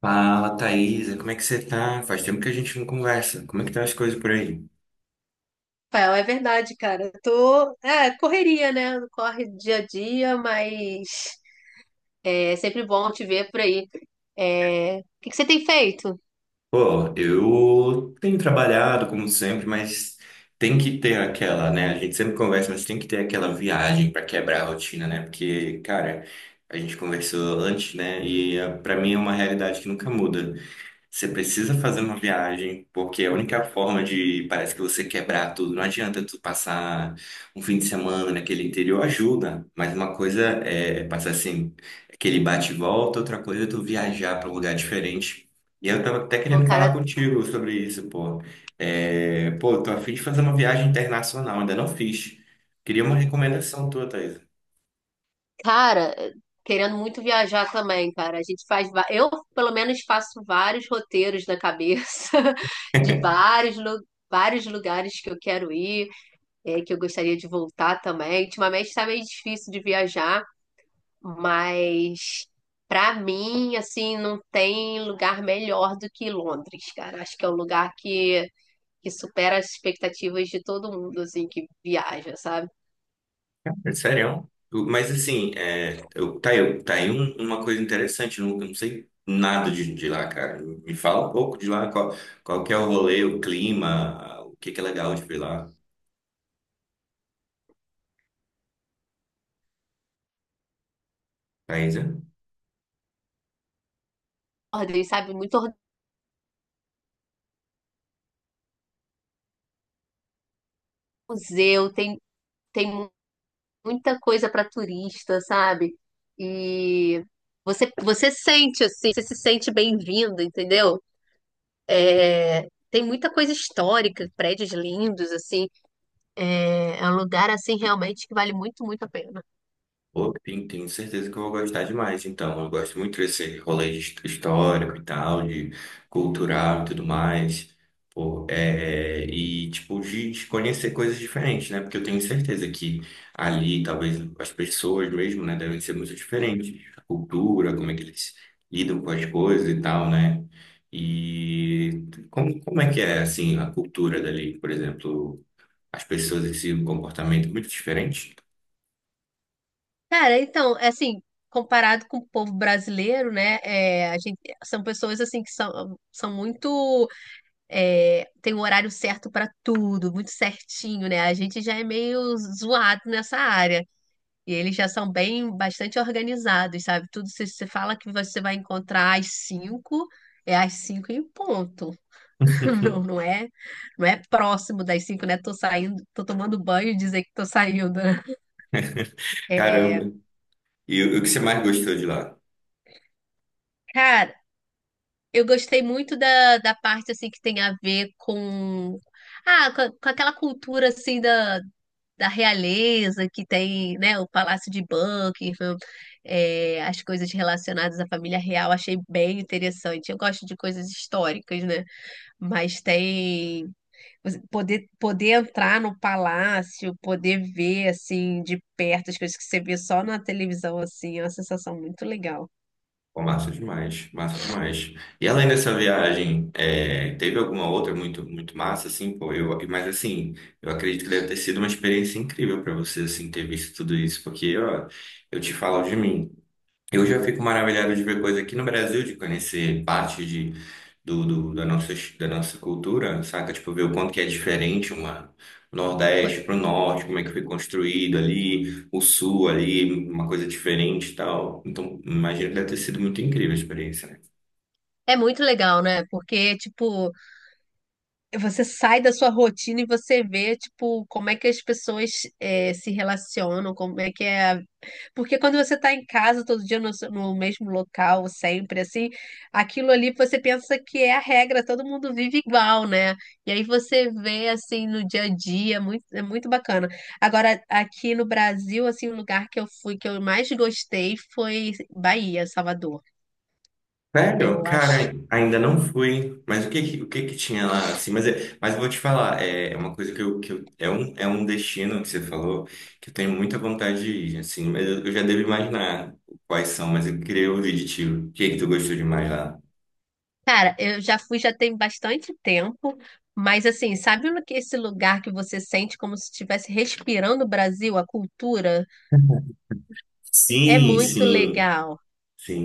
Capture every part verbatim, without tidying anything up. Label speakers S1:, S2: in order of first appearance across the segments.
S1: Fala, Thaisa, como é que você tá? Faz tempo que a gente não conversa. Como é que tá as coisas por aí?
S2: Rafael, é verdade, cara. Eu tô, é, correria, né? Corre dia a dia, mas é sempre bom te ver por aí. É, O que que você tem feito?
S1: Pô, eu tenho trabalhado como sempre, mas tem que ter aquela, né? A gente sempre conversa, mas tem que ter aquela viagem pra quebrar a rotina, né? Porque, cara, a gente conversou antes, né? E eh, pra mim é uma realidade que nunca muda. Você precisa fazer uma viagem, porque é a única forma de, parece que você quebrar tudo. Não adianta tu passar um fim de semana naquele interior, ajuda, mas uma coisa é passar assim, aquele bate e volta, outra coisa é tu viajar para um lugar diferente. E eu tava até
S2: Pô,
S1: querendo falar
S2: cara,
S1: contigo sobre isso, pô. É, pô, eu tô a fim de fazer uma viagem internacional, ainda não fiz. Queria uma recomendação tua, Thaís.
S2: cara, querendo muito viajar também, cara. A gente faz, va- eu pelo menos faço vários roteiros na cabeça de vários, lu- vários lugares que eu quero ir, é, que eu gostaria de voltar também. Ultimamente tá meio difícil de viajar. Mas para mim, assim, não tem lugar melhor do que Londres, cara. Acho que é um lugar que, que supera as expectativas de todo mundo, assim, que viaja, sabe?
S1: É sério. Mas assim, é, eu, tá, aí- tá aí um- uma coisa interessante, eu não, eu não sei nada de, de lá, cara. Me fala um pouco de lá, qual, qual que é o rolê, o clima, o que que é legal de ver lá, Thaisa.
S2: Ordem, sabe, muito museu, tem, tem mu- muita coisa para turista, sabe? E você, você sente, assim, você se sente bem-vindo, entendeu? É, tem muita coisa histórica, prédios lindos, assim. É, é um lugar, assim, realmente que vale muito, muito a pena.
S1: Pô, tem, tenho certeza que eu vou gostar demais, então. Eu gosto muito desse rolê his- histórico e tal, de cultural e tudo mais. Pô, é, e, tipo, de, de conhecer coisas diferentes, né? Porque eu tenho certeza que ali, talvez, as pessoas mesmo, né, devem ser muito diferentes. A cultura, como é que eles lidam com as coisas e tal, né? E como, como é que é, assim, a cultura dali, por exemplo, as pessoas em si, um comportamento muito diferente?
S2: Cara, então, é assim, comparado com o povo brasileiro, né, é, a gente, são pessoas, assim, que são, são muito, é, tem um horário certo para tudo, muito certinho, né, a gente já é meio zoado nessa área, e eles já são bem, bastante organizados, sabe, tudo, se você fala que você vai encontrar às cinco, é às cinco e ponto, não, não é, não é próximo das cinco, né, tô saindo, tô tomando banho e dizer que tô saindo, né?
S1: Caramba.
S2: É,
S1: E o o que você mais gostou de lá?
S2: cara, Eu gostei muito da, da parte assim que tem a ver com ah, com, com aquela cultura assim da, da realeza que tem, né, o Palácio de Buckingham, é, as coisas relacionadas à família real, achei bem interessante. Eu gosto de coisas históricas, né? Mas tem você poder poder entrar no palácio, poder ver assim de perto as coisas que você vê só na televisão assim, é uma sensação muito legal.
S1: Pô, massa demais, massa demais. E além dessa viagem, é, teve alguma outra muito, muito massa, assim, pô, eu, mas assim, eu acredito que deve ter sido uma experiência incrível para você, assim, ter visto tudo isso, porque, ó, eu te falo de mim. Eu já fico maravilhado de ver coisa aqui no Brasil, de conhecer parte de, do, do- da nossa, da nossa cultura, saca? Tipo, ver o quanto que é diferente uma o Nordeste para o Norte, como é que foi construído ali, o Sul ali, uma coisa diferente e tal. Então, imagino que deve ter sido muito incrível a experiência, né?
S2: É muito legal, né? Porque, tipo, você sai da sua rotina e você vê, tipo, como é que as pessoas eh, se relacionam, como é que é. a- Porque quando você tá em casa todo dia no, seu- no mesmo local, sempre, assim, aquilo ali você pensa que é a regra, todo mundo vive igual, né? E aí você vê, assim, no dia a dia, é muito, é muito bacana. Agora, aqui no Brasil, assim, o lugar que eu fui, que eu mais gostei foi Bahia, Salvador.
S1: Sério?
S2: Eu
S1: Cara, ainda não fui. Mas o que que, o que que tinha lá, assim? Mas, é- mas eu vou te falar, é é uma coisa que eu, que eu- é um, é um destino que você falou que eu tenho muita vontade de ir, assim. Mas eu, eu já devo imaginar quais são, mas eu queria ouvir de ti. O que que tu gostou demais lá?
S2: Cara, eu já fui já tem bastante tempo, mas assim, sabe no que esse lugar que você sente como se estivesse respirando o Brasil, a cultura? É
S1: Sim,
S2: muito
S1: sim,
S2: legal,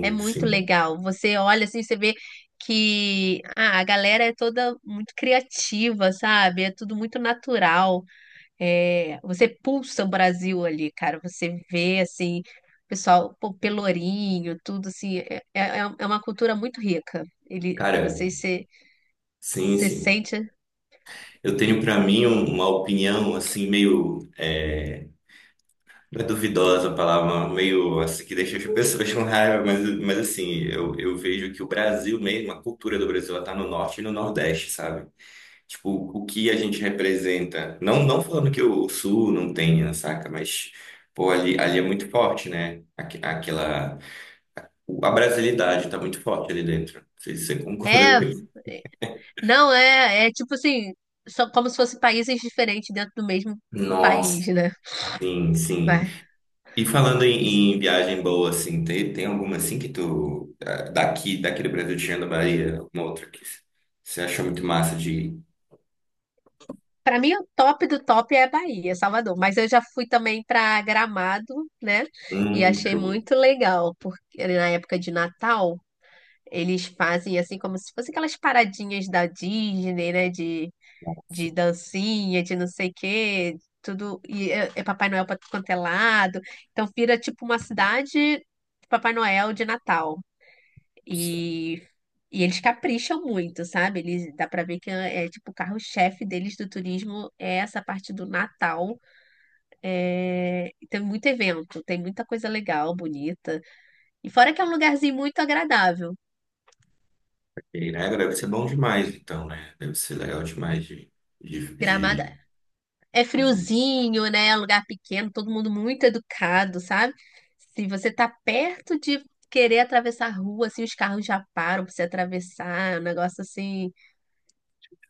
S2: é muito
S1: sim.
S2: legal. Você olha assim, você vê que ah, a galera é toda muito criativa, sabe? É tudo muito natural. É, você pulsa o Brasil ali, cara. Você vê assim, o pessoal, pô, Pelourinho, tudo assim. É, é, é uma cultura muito rica. Ele,
S1: Cara,
S2: você se
S1: sim,
S2: você
S1: sim.
S2: sente.
S1: Eu tenho pra mim um- uma opinião assim meio é, é duvidosa a palavra, meio assim, que deixa as pessoas com raiva, mas, mas assim, eu, eu vejo que o Brasil mesmo, a cultura do Brasil, ela tá no norte e no nordeste, sabe? Tipo, o que a gente representa, não, não falando que o sul não tenha, saca? Mas, pô, ali, ali é muito forte, né? Aqu- Aquela... A brasilidade tá muito forte ali dentro. Não sei se você concorda com
S2: É,
S1: isso.
S2: não é, é tipo assim, são como se fossem países diferentes dentro do mesmo país,
S1: Nossa,
S2: né?
S1: sim, sim.
S2: Mas
S1: E falando
S2: isso-
S1: em, em viagem boa, assim, tem, tem alguma assim que tu, ah, daqui, daqui do Brasil, tirando a Bahia, alguma outra que você achou muito massa de ir?
S2: pra mim o top do top é a Bahia, Salvador, mas eu já fui também pra Gramado, né? E
S1: Hum,
S2: achei
S1: show.
S2: muito legal, porque na época de Natal eles fazem assim como se fossem aquelas paradinhas da Disney, né? De de dancinha, de não sei o quê, tudo. E é, é Papai Noel para tudo quanto é lado. Então vira tipo uma cidade de Papai Noel de Natal.
S1: Nossa,
S2: E, e eles capricham muito, sabe? Eles, dá para ver que é, é, tipo o carro-chefe deles do turismo é essa parte do Natal. É, e tem muito evento, tem muita coisa legal, bonita. E fora que é um lugarzinho muito agradável.
S1: ok, né? Deve ser bom demais, então, né? Deve ser legal demais de, de,
S2: Gramado,
S1: de,
S2: é
S1: de...
S2: friozinho, né? Lugar pequeno, todo mundo muito educado, sabe? Se você tá perto de querer atravessar a rua, assim, os carros já param pra você atravessar, é um negócio assim,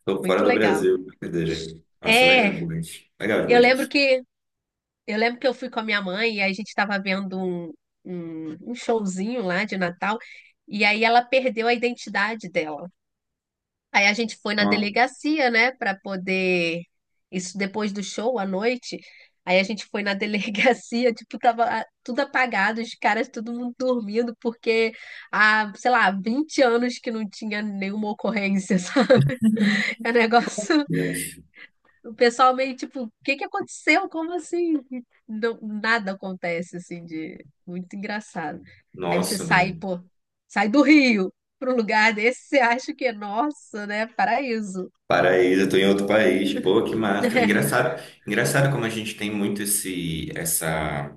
S1: Tô fora
S2: muito
S1: do
S2: legal.
S1: Brasil, brincadeira. Nossa, legal
S2: É,
S1: demais. Legal
S2: eu lembro
S1: demais.
S2: que eu lembro que eu fui com a minha mãe e aí a gente tava vendo um, um, um showzinho lá de Natal, e aí ela perdeu a identidade dela. Aí a gente foi na
S1: Nossa,
S2: delegacia, né, para poder. Isso depois do show à noite. Aí a gente foi na delegacia, tipo, tava ah, tudo apagado, os caras, todo mundo dormindo, porque há, sei lá, vinte anos que não tinha nenhuma ocorrência, sabe? É um negócio.
S1: Deus.
S2: O pessoal meio tipo, o que que aconteceu? Como assim? Não- nada acontece, assim, de. Muito engraçado. Aí você
S1: Nossa,
S2: sai,
S1: Deus.
S2: pô, sai do Rio para um lugar desse, você acha que é nossa, né? Paraíso.
S1: Paraíso, eu tô em outro país. Pô, que massa. Engraçado, engraçado como a gente tem muito esse, essa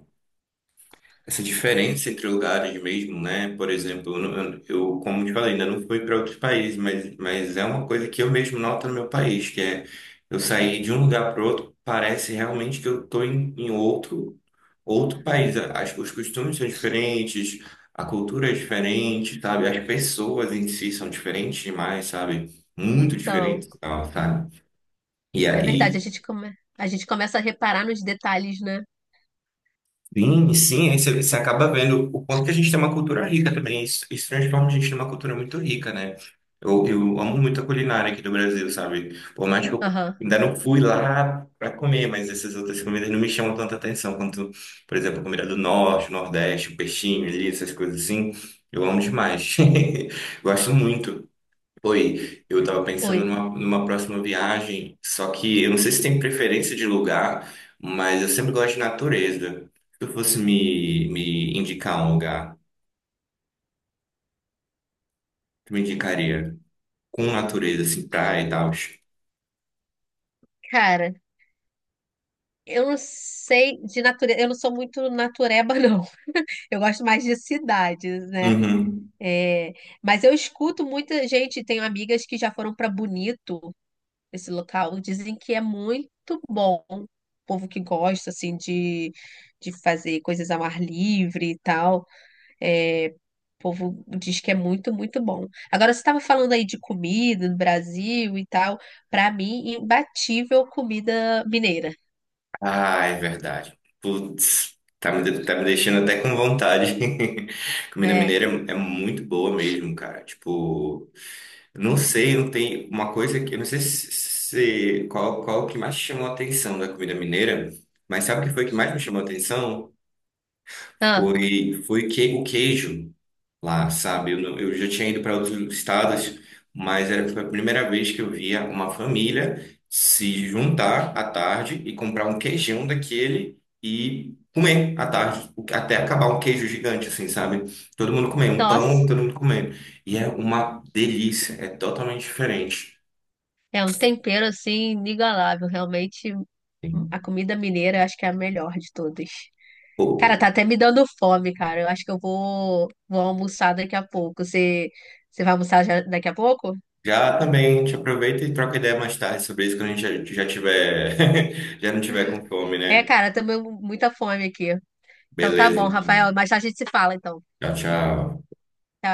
S1: essa diferença entre lugares mesmo, né? Por exemplo, eu, não- eu, como te falei, ainda não fui para outros países, mas, mas é uma coisa que eu mesmo noto no meu país, que é eu sair de um lugar para outro, parece realmente que eu estou em, em outro, outro país. As, os costumes são diferentes, a cultura é diferente, sabe? As pessoas em si são diferentes demais, sabe? Muito
S2: Então,
S1: diferentes, e tal, sabe? E
S2: é verdade, a
S1: aí
S2: gente come... a gente começa a reparar nos detalhes, né?
S1: sim, sim, aí você, você acaba vendo o quanto que a gente tem uma cultura rica também. Isso, isso transforma a gente numa cultura muito rica, né? Eu, eu amo muito a culinária aqui do Brasil, sabe? Por mais que eu
S2: Aham.
S1: ainda não fui lá para comer, mas essas outras comidas não me chamam tanta atenção quanto, por exemplo, a comida do Norte, Nordeste, o peixinho ali, essas coisas assim. Eu amo demais. Gosto muito. Foi, eu tava pensando
S2: Oi.
S1: numa, numa próxima viagem, só que eu não sei se tem preferência de lugar, mas eu sempre gosto de natureza. Se tu fosse me, me indicar um lugar, tu me indicaria com natureza, assim, praia e tal.
S2: Cara, eu não sei de natureza, eu não sou muito natureba, não. Eu gosto mais de cidades, né?
S1: Uhum.
S2: É, mas eu escuto muita gente, tenho amigas que já foram para Bonito, esse local, dizem que é muito bom. O povo que gosta, assim, de, de fazer coisas ao ar livre e tal. É, o povo diz que é muito, muito bom. Agora, você estava falando aí de comida no Brasil e tal. Para mim, imbatível comida mineira.
S1: Ah, é verdade. Putz, tá me, de- tá me deixando até com vontade. Comida
S2: É.
S1: mineira é é muito boa mesmo, cara. Tipo. Não sei, não tem uma coisa que eu não sei se, se- qual qual que mais chamou a atenção da comida mineira, mas sabe o que foi que mais me chamou a atenção?
S2: Ah,
S1: Foi foi que o queijo lá, sabe? Eu, não- eu já tinha ido para outros estados, mas era foi a primeira vez que eu via uma família se juntar à tarde e comprar um queijão daquele e comer à tarde, o- até acabar um queijo gigante assim, sabe? Todo mundo comer, um pão,
S2: nossa,
S1: todo mundo comendo. E é uma delícia, é totalmente diferente.
S2: é um tempero assim inigualável. Realmente,
S1: Sim.
S2: a comida mineira eu acho que é a melhor de todas.
S1: Pô,
S2: Cara, tá até me dando fome, cara. Eu acho que eu vou, vou almoçar daqui a pouco. Você, você vai almoçar já daqui a pouco?
S1: já também te aproveita e troca ideia mais tarde sobre isso quando a gente já, já tiver, já não tiver com fome,
S2: É,
S1: né?
S2: cara, também muita fome aqui. Então tá
S1: Beleza,
S2: bom, Rafael.
S1: então.
S2: Mais tarde a gente se fala, então.
S1: Tchau, tchau.
S2: Tchau.